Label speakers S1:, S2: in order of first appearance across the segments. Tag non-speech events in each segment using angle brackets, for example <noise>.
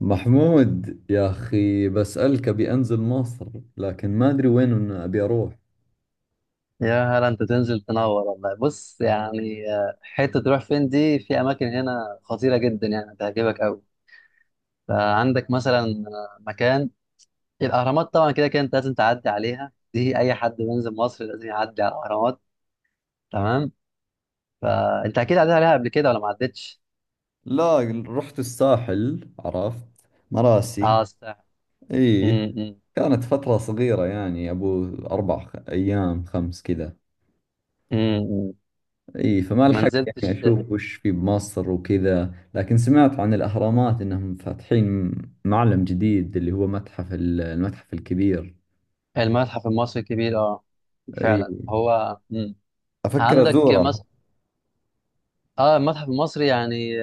S1: محمود يا أخي بسألك أبي أنزل مصر، لكن ما أدري وين إن أبي أروح.
S2: يا هلا، انت تنزل تنور والله. بص يعني، حته تروح فين دي؟ في اماكن هنا خطيره جدا، يعني هتعجبك قوي. فعندك مثلا مكان الاهرامات. طبعا كده كده انت لازم تعدي عليها، دي اي حد بينزل مصر لازم يعدي على الاهرامات، تمام؟ فانت اكيد عديت عليها قبل كده ولا ما عدتش؟
S1: لا، رحت الساحل، عرفت مراسي.
S2: اه صح.
S1: إيه، كانت فترة صغيرة يعني أبو أربع أيام خمس كذا. إيه، فما
S2: ما
S1: لحقت يعني
S2: نزلتش.
S1: أشوف وش في بمصر وكذا، لكن سمعت عن الأهرامات إنهم فاتحين معلم جديد اللي هو متحف المتحف الكبير.
S2: المتحف المصري الكبير، اه.
S1: إيه،
S2: فعلا هو.
S1: أفكر
S2: عندك
S1: أزوره.
S2: مثلا، اه، المتحف المصري يعني،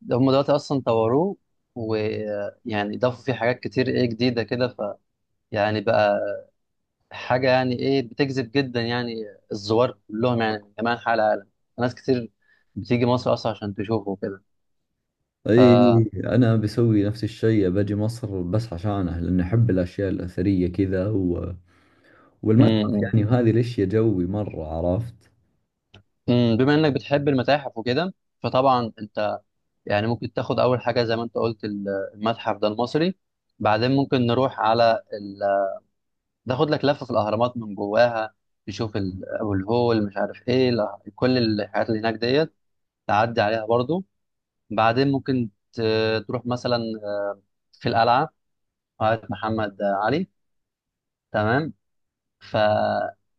S2: ده هم دلوقتي اصلا طوروه، ويعني ضافوا فيه حاجات كتير، ايه، جديده كده. ف يعني بقى حاجه يعني ايه، بتجذب جدا يعني الزوار كلهم، يعني من جميع انحاء العالم، ناس كتير بتيجي مصر اصلا عشان تشوفه كده. ف
S1: اي، انا بسوي نفس الشيء باجي مصر بس عشانه، لان احب الاشياء الاثريه كذا، و... والمتحف
S2: مم.
S1: يعني وهذه الاشياء جوي مره، عرفت.
S2: بما انك بتحب المتاحف وكده، فطبعا انت يعني ممكن تاخد اول حاجه زي ما انت قلت المتحف ده المصري، بعدين ممكن نروح على، تاخد لك لفه في الاهرامات من جواها، تشوف ابو الهول، مش عارف ايه، لا. كل الحاجات اللي هناك ديت تعدي عليها برضو. بعدين ممكن تروح مثلا آه، في القلعه، قلعه محمد علي، تمام. فالقلعه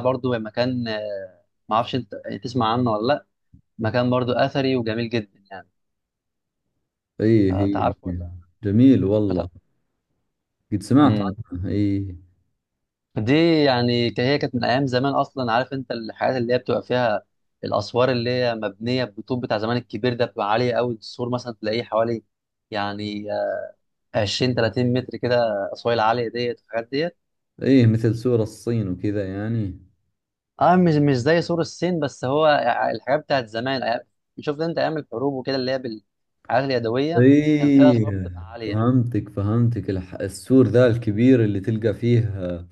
S2: برضو هي مكان، ما اعرفش انت تسمع عنه ولا لا. مكان برضو اثري وجميل جدا يعني.
S1: اي،
S2: فانت
S1: هي
S2: عارفه
S1: هي.
S2: ولا؟
S1: جميل والله، قد سمعت
S2: بتاع،
S1: عنه اي.
S2: دي يعني هي كانت من ايام زمان اصلا، عارف انت الحاجات اللي هي بتبقى فيها، الاسوار اللي هي مبنيه بالطوب بتاع زمان الكبير ده، بتبقى عاليه قوي. السور مثلا تلاقيه حوالي يعني، 20 30 متر كده، اسوار العاليه ديت والحاجات ديت.
S1: اي، مثل سور الصين وكذا يعني.
S2: اه، مش زي سور الصين، بس هو الحاجات بتاعت زمان، شفت انت ايام الحروب وكده، اللي هي بالحاجات اليدويه، كان فيها
S1: اي،
S2: اسوار بتبقى عاليه.
S1: فهمتك السور ذا الكبير اللي تلقى فيه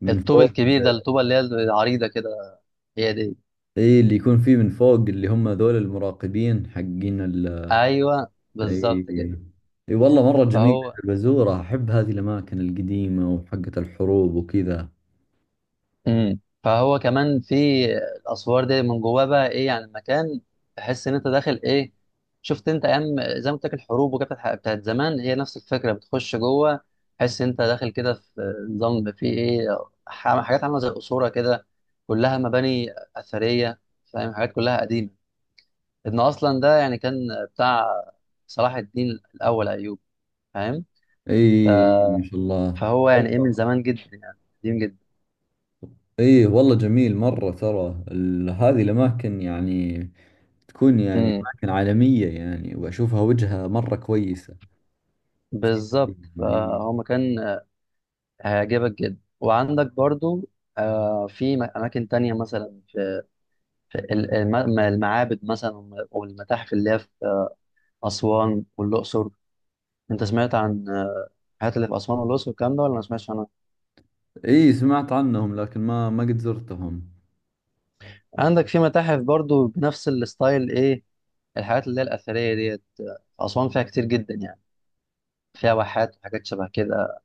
S1: من
S2: الطوب
S1: فوق.
S2: الكبير ده، الطوبه اللي هي العريضه كده، هي دي.
S1: اي، اللي يكون فيه من فوق اللي هم ذول المراقبين حقين ال...
S2: ايوه
S1: اي،
S2: بالظبط كده.
S1: اي والله مرة جميلة
S2: فهو
S1: البزورة، احب هذه الاماكن القديمة وحقة الحروب وكذا.
S2: فهو كمان في الاسوار دي من جواه، بقى ايه، يعني المكان تحس ان انت داخل ايه، شفت انت ايام زي ما قلت لك الحروب وكده، بتاعت زمان، هي نفس الفكره. بتخش جوه، تحس انت داخل كده في نظام، في ايه، حاجات عامله زي قصوره كده، كلها مباني اثريه، فاهم، حاجات كلها قديمه. ابن اصلا ده يعني كان بتاع صلاح الدين الاول ايوب، فاهم؟
S1: اي ما شاء الله.
S2: فهو يعني ايه من
S1: والله
S2: زمان جدا، يعني قديم جدا.
S1: اي والله جميل مرة ترى هذه الاماكن يعني تكون يعني
S2: امم
S1: اماكن عالمية يعني واشوفها وجهة مرة كويسة.
S2: بالظبط،
S1: اي.
S2: فهو مكان هيعجبك جدا. وعندك برضو في أماكن تانية، مثلا في المعابد مثلا، والمتاحف اللي هي في أسوان والأقصر. أنت سمعت عن الحاجات اللي في أسوان والأقصر والكلام ده ولا ما سمعتش عنها؟
S1: اي، سمعت عنهم لكن ما قد زرتهم.
S2: عندك في متاحف برضو بنفس الستايل، إيه، الحاجات اللي هي الأثرية ديت في أسوان فيها كتير جدا يعني، فيها واحات وحاجات شبه كده.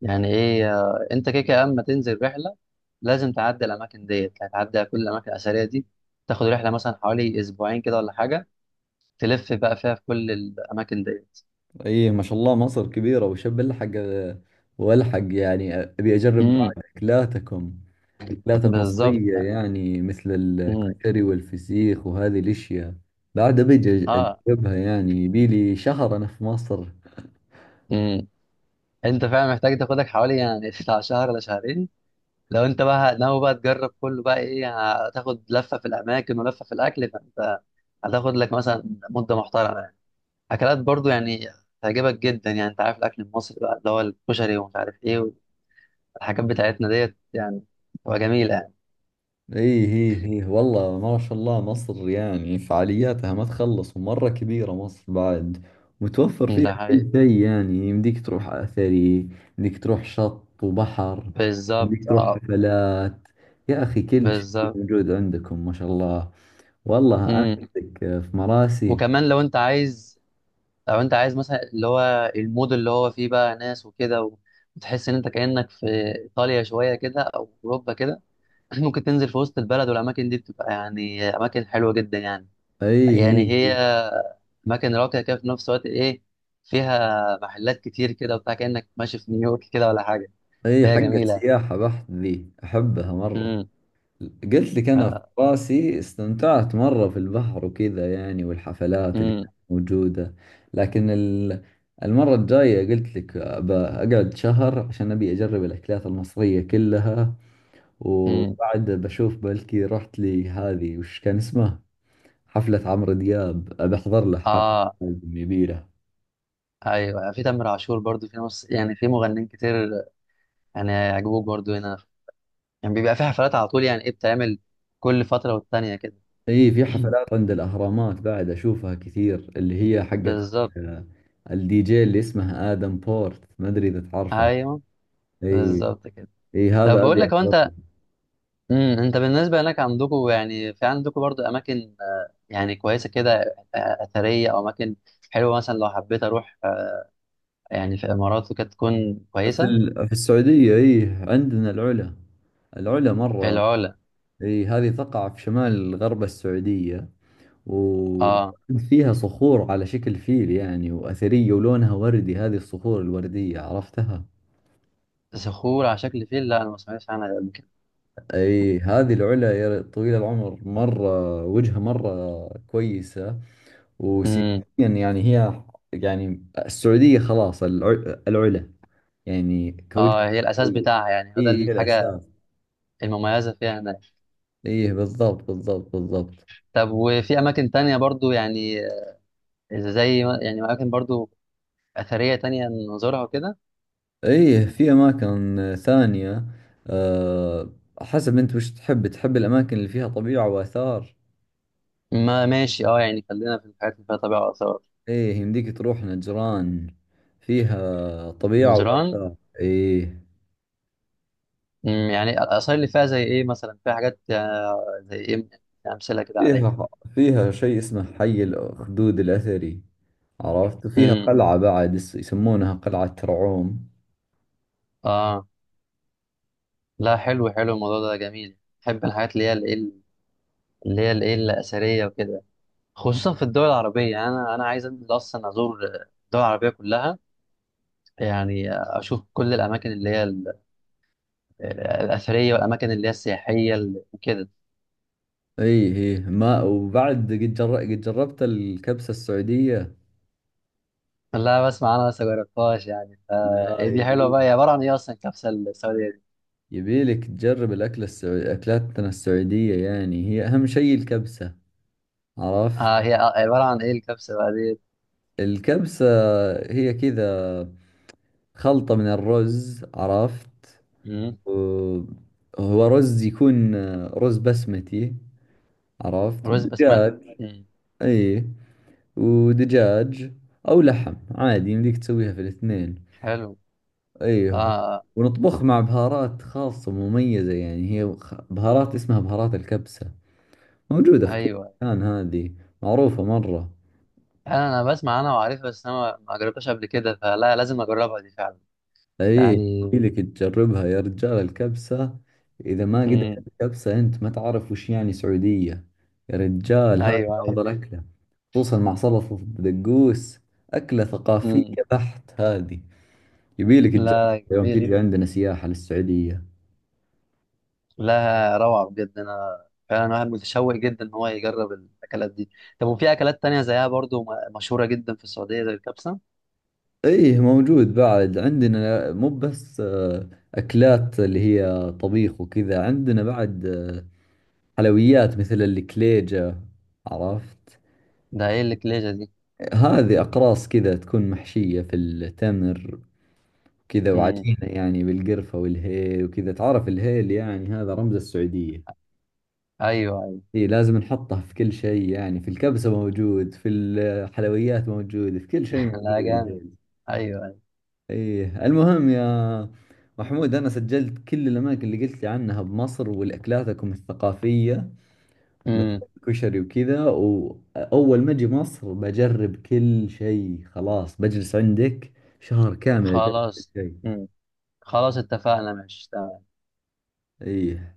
S2: يعني إيه، أنت كده كده أما تنزل رحلة لازم تعدي الأماكن ديت، هتعدي على كل الأماكن الأثرية دي. تاخد رحلة مثلا حوالي أسبوعين كده ولا حاجة، تلف بقى فيها في كل الاماكن ديت.
S1: ايه ما شاء الله، مصر كبيرة وشب الحق، والحق يعني ابي اجرب بعد
S2: امم
S1: اكلاتكم، اكلات
S2: بالظبط
S1: المصرية
S2: يعني.
S1: يعني مثل
S2: امم.
S1: الكشري والفسيخ وهذه الاشياء بعد. ابي
S2: اه.
S1: اجربها يعني، يبي لي شهر انا في مصر.
S2: امم انت فعلا محتاج تاخدك حوالي يعني <laughs> بتاع شهر ولا شهرين. لو انت بقى ناوي بقى تجرب كله، بقى ايه، هتاخد لفه في الاماكن ولفه في الاكل. فانت هتاخد لك مثلا مده محترمه يعني. اكلات برضو يعني تعجبك جدا، يعني انت عارف الاكل المصري بقى، اللي هو الكشري ومش عارف ايه، والحاجات بتاعتنا ديت يعني، تبقى جميله.
S1: ايه ايه ايه والله ما شاء الله، مصر يعني فعالياتها ما تخلص، ومرة كبيرة مصر بعد، متوفر
S2: يعني
S1: فيها
S2: ده
S1: كل
S2: حقيقي.
S1: شيء يعني. يمديك تروح أثري، يمديك تروح شط وبحر، يمديك
S2: بالظبط،
S1: تروح
S2: اه.
S1: حفلات. يا أخي كل شيء
S2: بالظبط.
S1: موجود عندكم ما شاء الله. والله أنا
S2: امم
S1: عندك في مراسي.
S2: وكمان لو انت عايز، لو انت عايز مثلا اللي هو المود، اللي هو فيه بقى ناس وكده وتحس ان انت كأنك في ايطاليا شوية كده، او اوروبا كده. <clears throat> ممكن تنزل في وسط البلد، والاماكن دي بتبقى يعني اماكن حلوة جدا يعني،
S1: ايه
S2: يعني
S1: ايه
S2: هي
S1: ايه،
S2: اماكن راقية كده، في نفس الوقت ايه، فيها محلات كتير كده وبتاع، كأنك ماشي في نيويورك كده ولا حاجة.
S1: إيه،
S2: هي
S1: حقة
S2: جميلة.
S1: سياحة بحت ذي، أحبها مرة.
S2: امم.
S1: قلت لك أنا في راسي استمتعت مرة في البحر وكذا يعني، والحفلات اللي
S2: امم.
S1: كانت موجودة، لكن المرة الجاية قلت لك بقعد شهر عشان أبي أجرب الأكلات المصرية كلها.
S2: امم
S1: وبعد بشوف بلكي رحت لي هذه، وش كان اسمها، حفلة عمرو دياب، بحضر له حفلة،
S2: اه.
S1: لازم يبي له.
S2: ايوه، في تامر عاشور برضو، في نص يعني، في مغنيين كتير، يعني هيعجبوك برضو. هنا يعني بيبقى في حفلات على طول، يعني ايه، بتعمل كل فترة والتانية كده.
S1: اي، في
S2: <clears throat>
S1: حفلات عند الأهرامات بعد، أشوفها كثير اللي هي حقت
S2: بالظبط.
S1: آه، الدي جي اللي اسمه آدم بورت، ما أدري إذا تعرفه.
S2: ايوه
S1: اي.
S2: بالظبط كده.
S1: اي
S2: طب
S1: هذا
S2: بقول
S1: ابيع
S2: لك، هو
S1: وطني.
S2: انت، انت بالنسبة هناك عندكم، يعني في عندكم برضو اماكن، يعني كويسة كده، اثرية، او اماكن حلوة، مثلا لو حبيت اروح يعني في امارات وكده تكون
S1: في
S2: كويسة.
S1: في السعودية اي، عندنا العلا، العلا مرة.
S2: العلا.
S1: اي، هذه تقع في شمال غرب السعودية، و
S2: اه،
S1: فيها صخور على شكل فيل يعني، وأثرية ولونها وردي، هذه الصخور الوردية، عرفتها؟
S2: صخور على شكل فيل، لا، انا ما سمعتش عنها قبل كده.
S1: اي هذه العلا يا طويل العمر مرة، وجهها مرة كويسة وسياسيا
S2: امم.
S1: يعني. هي يعني، السعودية خلاص العلا يعني كوجه.
S2: اه، هي الاساس بتاعها، يعني
S1: اي
S2: هو ده
S1: هي
S2: الحاجة
S1: الأساس.
S2: المميزة فيها هناك.
S1: ايه بالضبط بالضبط بالضبط.
S2: طب وفي اماكن تانية برضو يعني، زي يعني اماكن برضو اثريه تانية نزورها وكده؟
S1: ايه، في اماكن ثانية. أه، حسب انت وش تحب، تحب الاماكن اللي فيها طبيعة واثار.
S2: ما ماشي، اه، يعني خلينا في الحاجات اللي فيها طبيعه واثار.
S1: ايه، يمديك تروح نجران، فيها طبيعة
S2: نزران.
S1: واثار ايه.
S2: يعني الاثار اللي فيها زي ايه؟ مثلا فيها حاجات، زي ايه يعني، امثله كده عليها.
S1: فيها، فيها شيء اسمه حي الاخدود الاثري، عرفت. وفيها
S2: امم.
S1: قلعة بعد يسمونها قلعة ترعوم.
S2: اه. لا حلو، حلو الموضوع ده، جميل، بحب الحاجات اللي هي الايه، اللي هي الايه الاثريه وكده، خصوصا في الدول العربيه. يعني انا عايز انزل اصلا ازور الدول العربيه كلها، يعني اشوف كل الاماكن اللي هي الاثريه، والاماكن اللي هي السياحيه وكده.
S1: ايه ايه ما وبعد قد قد جربت الكبسة السعودية؟
S2: لا، بسمع انا بس مجربتهاش يعني، فا
S1: لا،
S2: إيه، دي حلوه
S1: يبي،
S2: بقى، هي عباره عن ايه اصلا الكبسه السعوديه دي؟
S1: يبيلك تجرب الأكلة السعودية. أكلاتنا السعودية يعني هي أهم شيء الكبسة، عرفت.
S2: آه، هي عباره عن ايه الكبسه بقى دي؟
S1: الكبسة هي كذا، خلطة من الرز، عرفت.
S2: مم.
S1: و- هو رز يكون رز بسمتي، عرفت،
S2: رز بسمتي،
S1: ودجاج.
S2: مم.
S1: أي، ودجاج أو لحم عادي، يمديك تسويها في الاثنين.
S2: حلو. اه،
S1: أيه.
S2: آه.
S1: ونطبخ مع بهارات خاصة مميزة يعني، هي بهارات اسمها بهارات الكبسة، موجودة في كل
S2: ايوه،
S1: مكان هذه، معروفة مرة.
S2: انا بسمع انا وعارفها، بس انا ما جربتهاش قبل كده، فلا، لازم اجربها دي فعلا
S1: اي،
S2: يعني.
S1: لك تجربها يا رجال الكبسة. اذا ما قد
S2: مم.
S1: أكلت كبسة انت ما تعرف وش يعني سعودية. يا رجال هذه
S2: ايوه ايوه.
S1: افضل اكلة، خصوصا مع سلطة الدقوس، اكلة ثقافية
S2: مم.
S1: بحت هذه، يبيلك تجربها
S2: لا
S1: يوم
S2: جميل.
S1: تيجي عندنا سياحة للسعودية.
S2: لا، روعه بجد، انا فعلا واحد متشوق جدا ان هو يجرب الاكلات دي. طب وفي اكلات تانية زيها برضو، مشهوره جدا في السعوديه زي الكبسه؟
S1: ايه موجود بعد عندنا، مو بس اكلات اللي هي طبيخ وكذا، عندنا بعد حلويات مثل الكليجة، عرفت.
S2: ده ايه اللي كليجة؟
S1: هذه أقراص كذا تكون محشية في التمر كذا،
S2: امم.
S1: وعجينة يعني بالقرفة والهيل وكذا. تعرف الهيل يعني هذا رمز السعودية.
S2: ايوه ايوه.
S1: إيه، لازم نحطه في كل شيء يعني، في الكبسة موجود، في الحلويات موجود، في كل شيء
S2: <laughs>
S1: موجود
S2: لا جامد.
S1: الهيل.
S2: ايوه ايوه.
S1: إيه المهم يا محمود، أنا سجلت كل الأماكن اللي قلت لي عنها بمصر، والأكلاتكم الثقافية مثل
S2: امم.
S1: كشري وكذا، وأول ما أجي مصر بجرب كل شيء، خلاص بجلس عندك شهر كامل أجرب كل
S2: خلاص.
S1: شيء.
S2: امم. خلاص، اتفقنا ماشي.
S1: إيه.